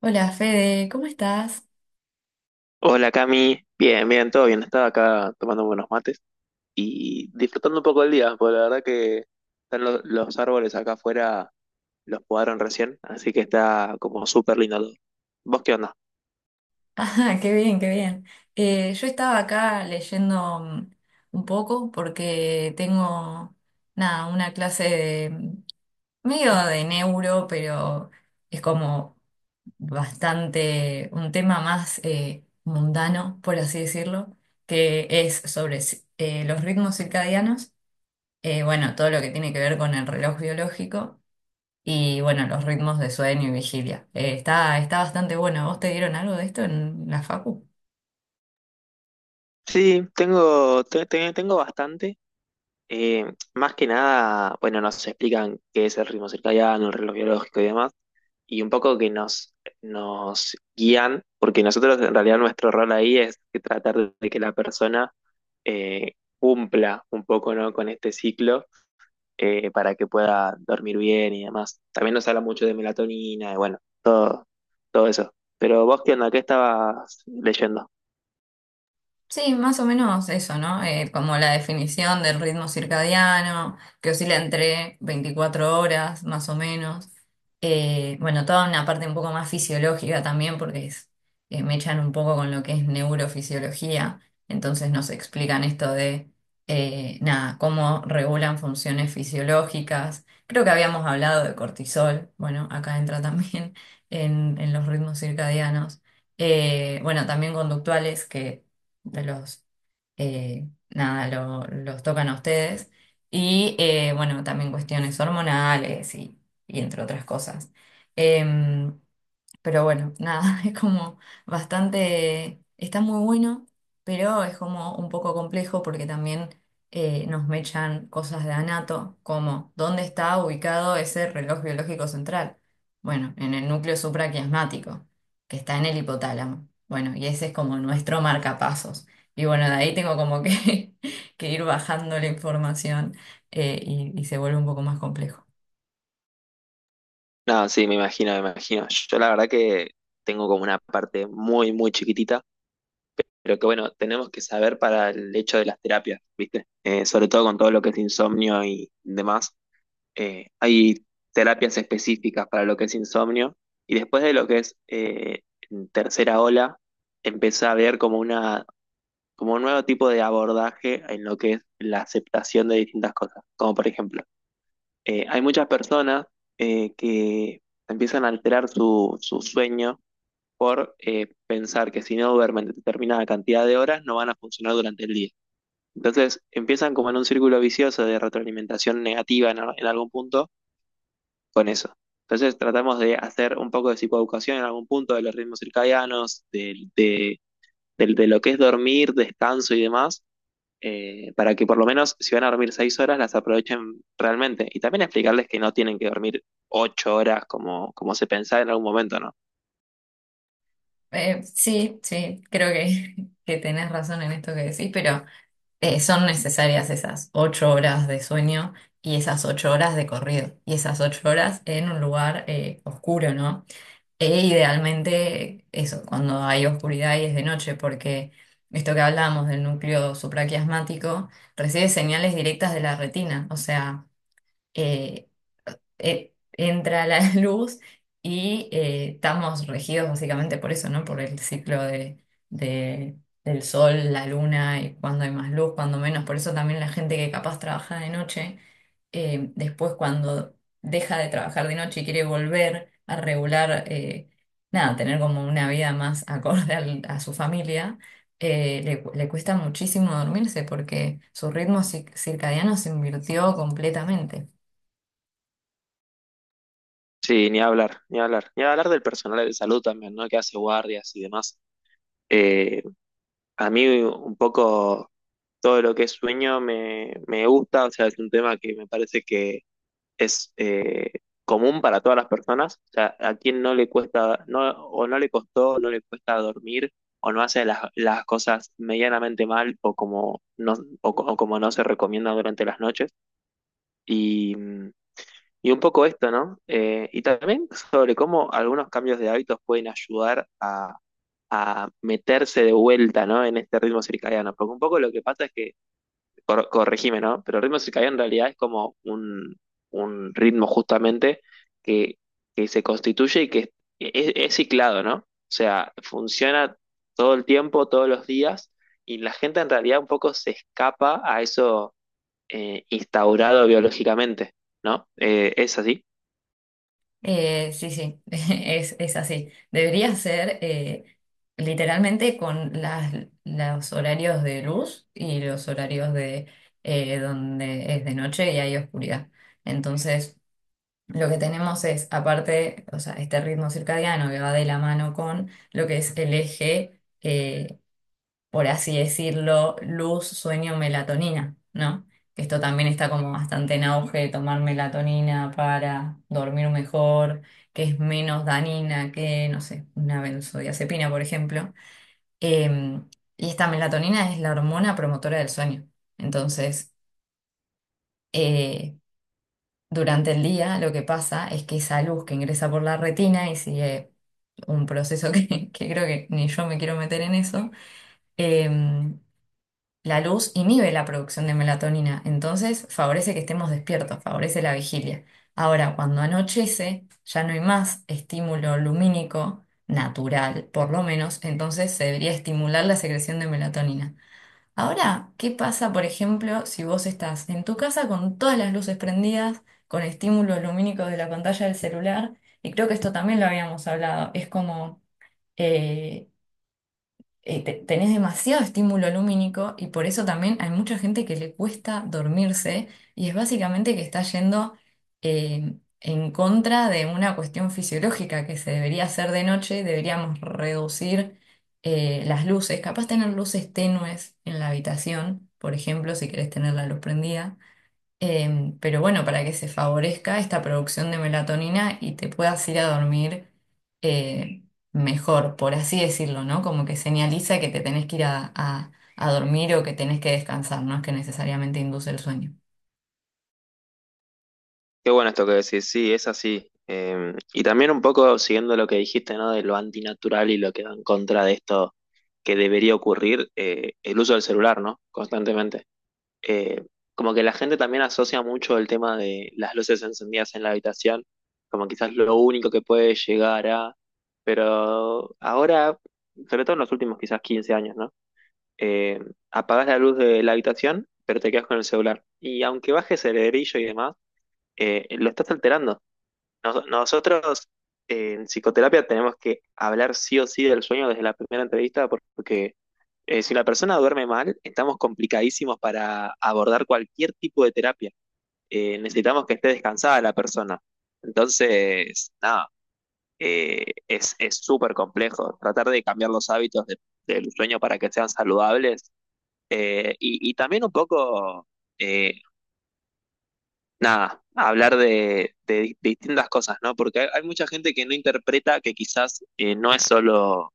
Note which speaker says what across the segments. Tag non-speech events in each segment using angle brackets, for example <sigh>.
Speaker 1: Hola Fede, ¿cómo estás? <laughs>
Speaker 2: Hola Cami, bien, bien, todo bien. Estaba acá tomando buenos mates y disfrutando un poco el día, porque la verdad que están los árboles acá afuera, los podaron recién, así que está como súper lindo todo. ¿Vos qué onda?
Speaker 1: Ah, qué bien, qué bien. Yo estaba acá leyendo un poco porque tengo, nada, una clase de medio de neuro, pero es como bastante un tema más mundano, por así decirlo, que es sobre los ritmos circadianos, bueno, todo lo que tiene que ver con el reloj biológico. Y bueno, los ritmos de sueño y vigilia. Está bastante bueno. ¿Vos te dieron algo de esto en la facu?
Speaker 2: Sí, tengo, tengo bastante. Eh, Más que nada, bueno, nos explican qué es el ritmo circadiano, el reloj biológico y demás, y un poco que nos guían, porque nosotros en realidad nuestro rol ahí es que tratar de que la persona eh, cumpla un poco, ¿no?, con este ciclo, para que pueda dormir bien y demás. También nos habla mucho de melatonina y bueno, todo eso. Pero vos, ¿qué onda? ¿Qué estabas leyendo?
Speaker 1: Sí, más o menos eso, ¿no? Como la definición del ritmo circadiano, que oscila entre 24 horas, más o menos. Bueno, toda una parte un poco más fisiológica también, porque me echan un poco con lo que es neurofisiología, entonces nos explican esto de, nada, cómo regulan funciones fisiológicas. Creo que habíamos hablado de cortisol, bueno, acá entra también <laughs> en los ritmos circadianos. Bueno, también conductuales que de los, nada, los tocan a ustedes. Y bueno, también cuestiones hormonales y entre otras cosas. Em, pero bueno, nada, <laughs> es como bastante, está muy bueno, pero es como un poco complejo porque también nos mechan cosas de anato, como dónde está ubicado ese reloj biológico central. Bueno, en el núcleo supraquiasmático, que está en el hipotálamo. Bueno, y ese es como nuestro marcapasos. Y bueno, de ahí tengo como que, <laughs> que ir bajando la información eh, y se vuelve un poco más complejo.
Speaker 2: No, sí, me imagino, me imagino. Yo la verdad que tengo como una parte muy, muy chiquitita, pero que bueno, tenemos que saber para el hecho de las terapias, ¿viste? Sobre todo con todo lo que es insomnio y demás. Hay terapias específicas para lo que es insomnio y después de lo que es tercera ola, empieza a haber como un nuevo tipo de abordaje en lo que es la aceptación de distintas cosas, como por ejemplo, hay muchas personas que empiezan a alterar su sueño por pensar que si no duermen determinada cantidad de horas no van a funcionar durante el día. Entonces empiezan como en un círculo vicioso de retroalimentación negativa en algún punto con eso. Entonces tratamos de hacer un poco de psicoeducación en algún punto de los ritmos circadianos, de lo que es dormir, descanso y demás, para que por lo menos si van a dormir 6 horas las aprovechen realmente. Y también explicarles que no tienen que dormir 8 horas como, como se pensaba en algún momento, ¿no?
Speaker 1: Sí, sí, creo que, <laughs> que tenés razón en esto que decís, pero son necesarias esas 8 horas de sueño y esas 8 horas de corrido y esas 8 horas en un lugar oscuro, ¿no? E idealmente eso, cuando hay oscuridad y es de noche, porque esto que hablábamos del núcleo supraquiasmático recibe señales directas de la retina, o sea, eh, entra la <laughs> luz y estamos regidos básicamente por eso, ¿no? Por el ciclo de- del sol, la luna y cuando hay más luz, cuando menos. Por eso también la gente que capaz trabaja de noche, después cuando deja de trabajar de noche y quiere volver a regular, nada, tener como una vida más acorde a su familia. Le cuesta muchísimo dormirse porque su ritmo circadiano se invirtió completamente.
Speaker 2: Sí, ni hablar, ni hablar. Ni hablar del personal de salud también, ¿no? Que hace guardias y demás. Eh, a mí un poco todo lo que es sueño me, me gusta, o sea, es un tema que me parece que es común para todas las personas. O sea, a quien no le cuesta, no, o no le costó, no le cuesta dormir, o no hace las cosas medianamente mal, o como no, o como no se recomienda durante las noches. Y. mm, y un poco esto, ¿no? Y también sobre cómo algunos cambios de hábitos pueden ayudar a meterse de vuelta, ¿no?, en este ritmo circadiano. Porque un poco lo que pasa es que, corregime, ¿no?, pero el ritmo circadiano en realidad es como un ritmo justamente que, que se constituye y que es ciclado, ¿no? O sea, funciona todo el tiempo, todos los días, y la gente en realidad un poco se escapa a eso instaurado biológicamente, ¿no? ¿Es así?
Speaker 1: Sí, sí, <laughs> es así. Debería ser literalmente con los horarios de luz y los horarios de donde es de noche y hay oscuridad. Entonces, lo que tenemos es, aparte, o sea, este ritmo circadiano que va de la mano con lo que es el eje por así decirlo, luz, sueño, melatonina, ¿no? Que esto también está como bastante en auge, tomar melatonina para dormir mejor, que es menos dañina que, no sé, una benzodiazepina, por ejemplo. Eh, y esta melatonina es la hormona promotora del sueño. Entonces, eh, durante el día lo que pasa es que esa luz que ingresa por la retina y sigue un proceso <laughs> que creo que ni yo me quiero meter en eso, eh, la luz inhibe la producción de melatonina, entonces favorece que estemos despiertos, favorece la vigilia. Ahora, cuando anochece, ya no hay más estímulo lumínico natural, por lo menos, entonces se debería estimular la secreción de melatonina. Ahora, ¿qué pasa, por ejemplo, si vos estás en tu casa con todas las luces prendidas, con estímulos lumínicos de la pantalla del celular? Y creo que esto también lo habíamos hablado, es como eh, tenés demasiado estímulo lumínico y por eso también hay mucha gente que le cuesta dormirse y es básicamente que está yendo eh, en contra de una cuestión fisiológica que se debería hacer de noche, deberíamos reducir las luces, capaz tener luces tenues en la habitación, por ejemplo, si querés tener la luz prendida. Pero bueno, para que se favorezca esta producción de melatonina y te puedas ir a dormir eh, mejor, por así decirlo, ¿no? Como que señaliza que te tenés que ir a dormir o que tenés que descansar, no es que necesariamente induce el sueño.
Speaker 2: Qué bueno esto que decís, sí, es así. Y también un poco siguiendo lo que dijiste, ¿no? De lo antinatural y lo que va en contra de esto que debería ocurrir, el uso del celular, ¿no? Constantemente. Eh, Como que la gente también asocia mucho el tema de las luces encendidas en la habitación, como quizás lo único que puede llegar a... Pero ahora, sobre todo en los últimos quizás 15 años, ¿no? Eh, Apagás la luz de la habitación, pero te quedas con el celular. Y aunque bajes el brillo y demás, lo estás alterando. Nosotros, en psicoterapia tenemos que hablar sí o sí del sueño desde la primera entrevista, porque si la persona duerme mal, estamos complicadísimos para abordar cualquier tipo de terapia. Necesitamos que esté descansada la persona. Entonces, nada, es súper complejo tratar de cambiar los hábitos del sueño para que sean saludables, y también un poco... eh, nada, hablar de distintas cosas, ¿no? Porque hay mucha gente que no interpreta que quizás no es solo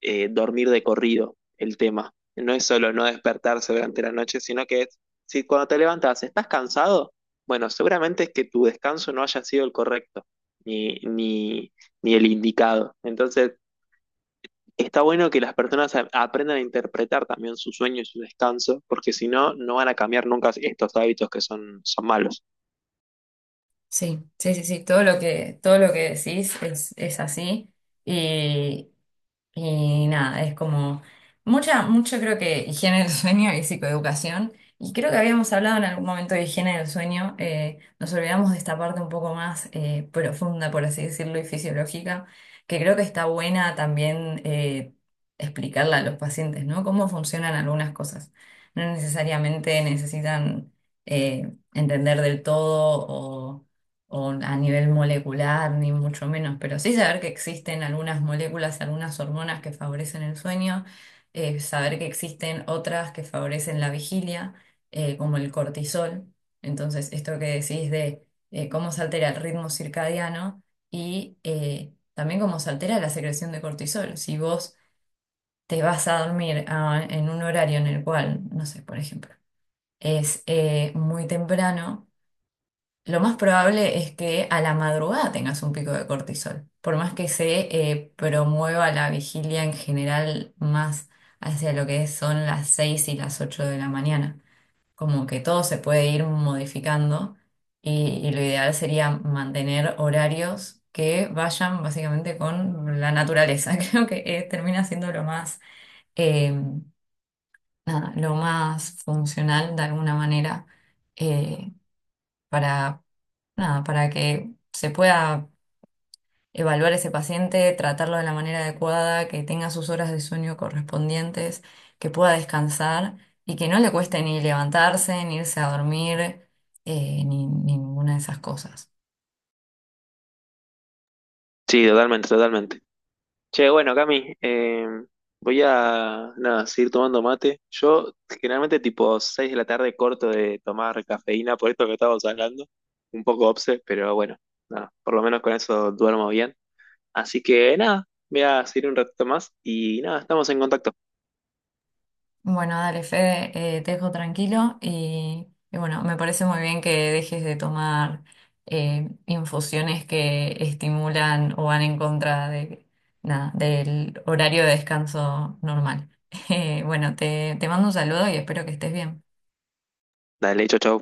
Speaker 2: dormir de corrido el tema, no es solo no despertarse durante la noche, sino que es, si cuando te levantas estás cansado, bueno, seguramente es que tu descanso no haya sido el correcto, ni, ni, ni el indicado. Entonces, está bueno que las personas aprendan a interpretar también su sueño y su descanso, porque si no, no van a cambiar nunca estos hábitos que son, son malos.
Speaker 1: Sí, sí, sí, sí, todo lo que decís es así. Y nada, es como mucho creo que higiene del <laughs> sueño y psicoeducación. Y creo que habíamos hablado en algún momento de higiene del sueño. Nos olvidamos de esta parte un poco más profunda, por así decirlo, y fisiológica, que creo que está buena también explicarla a los pacientes, ¿no? Cómo funcionan algunas cosas. No necesariamente necesitan entender del todo o a nivel molecular, ni mucho menos, pero sí saber que existen algunas moléculas, algunas hormonas que favorecen el sueño, saber que existen otras que favorecen la vigilia, como el cortisol. Entonces, esto que decís de cómo se altera el ritmo circadiano y también cómo se altera la secreción de cortisol. Si vos te vas a dormir en un horario en el cual, no sé, por ejemplo, es muy temprano, lo más probable es que a la madrugada tengas un pico de cortisol, por más que se promueva la vigilia en general más hacia lo que son las 6 y las 8 de la mañana. Como que todo se puede ir modificando y lo ideal sería mantener horarios que vayan básicamente con la naturaleza. <laughs> Creo que termina siendo lo más, eh, nada, lo más funcional de alguna manera eh, para nada, para que se pueda evaluar ese paciente, tratarlo de la manera adecuada, que tenga sus horas de sueño correspondientes, que pueda descansar y que no le cueste ni levantarse, ni irse a dormir, ni, ni ninguna de esas cosas.
Speaker 2: Sí, totalmente, totalmente. Che, bueno, Cami, voy a nada, seguir tomando mate. Yo generalmente tipo 6 de la tarde corto de tomar cafeína por esto que estábamos hablando. Un poco obse, pero bueno, nada, por lo menos con eso duermo bien. Así que nada, voy a seguir un ratito más y nada, estamos en contacto.
Speaker 1: Bueno, dale, Fede, te dejo tranquilo y bueno, me parece muy bien que dejes de tomar infusiones que estimulan o van en contra de, nada, del horario de descanso normal. <laughs> Bueno, te mando un saludo y espero que estés bien.
Speaker 2: Dale, chau, chau.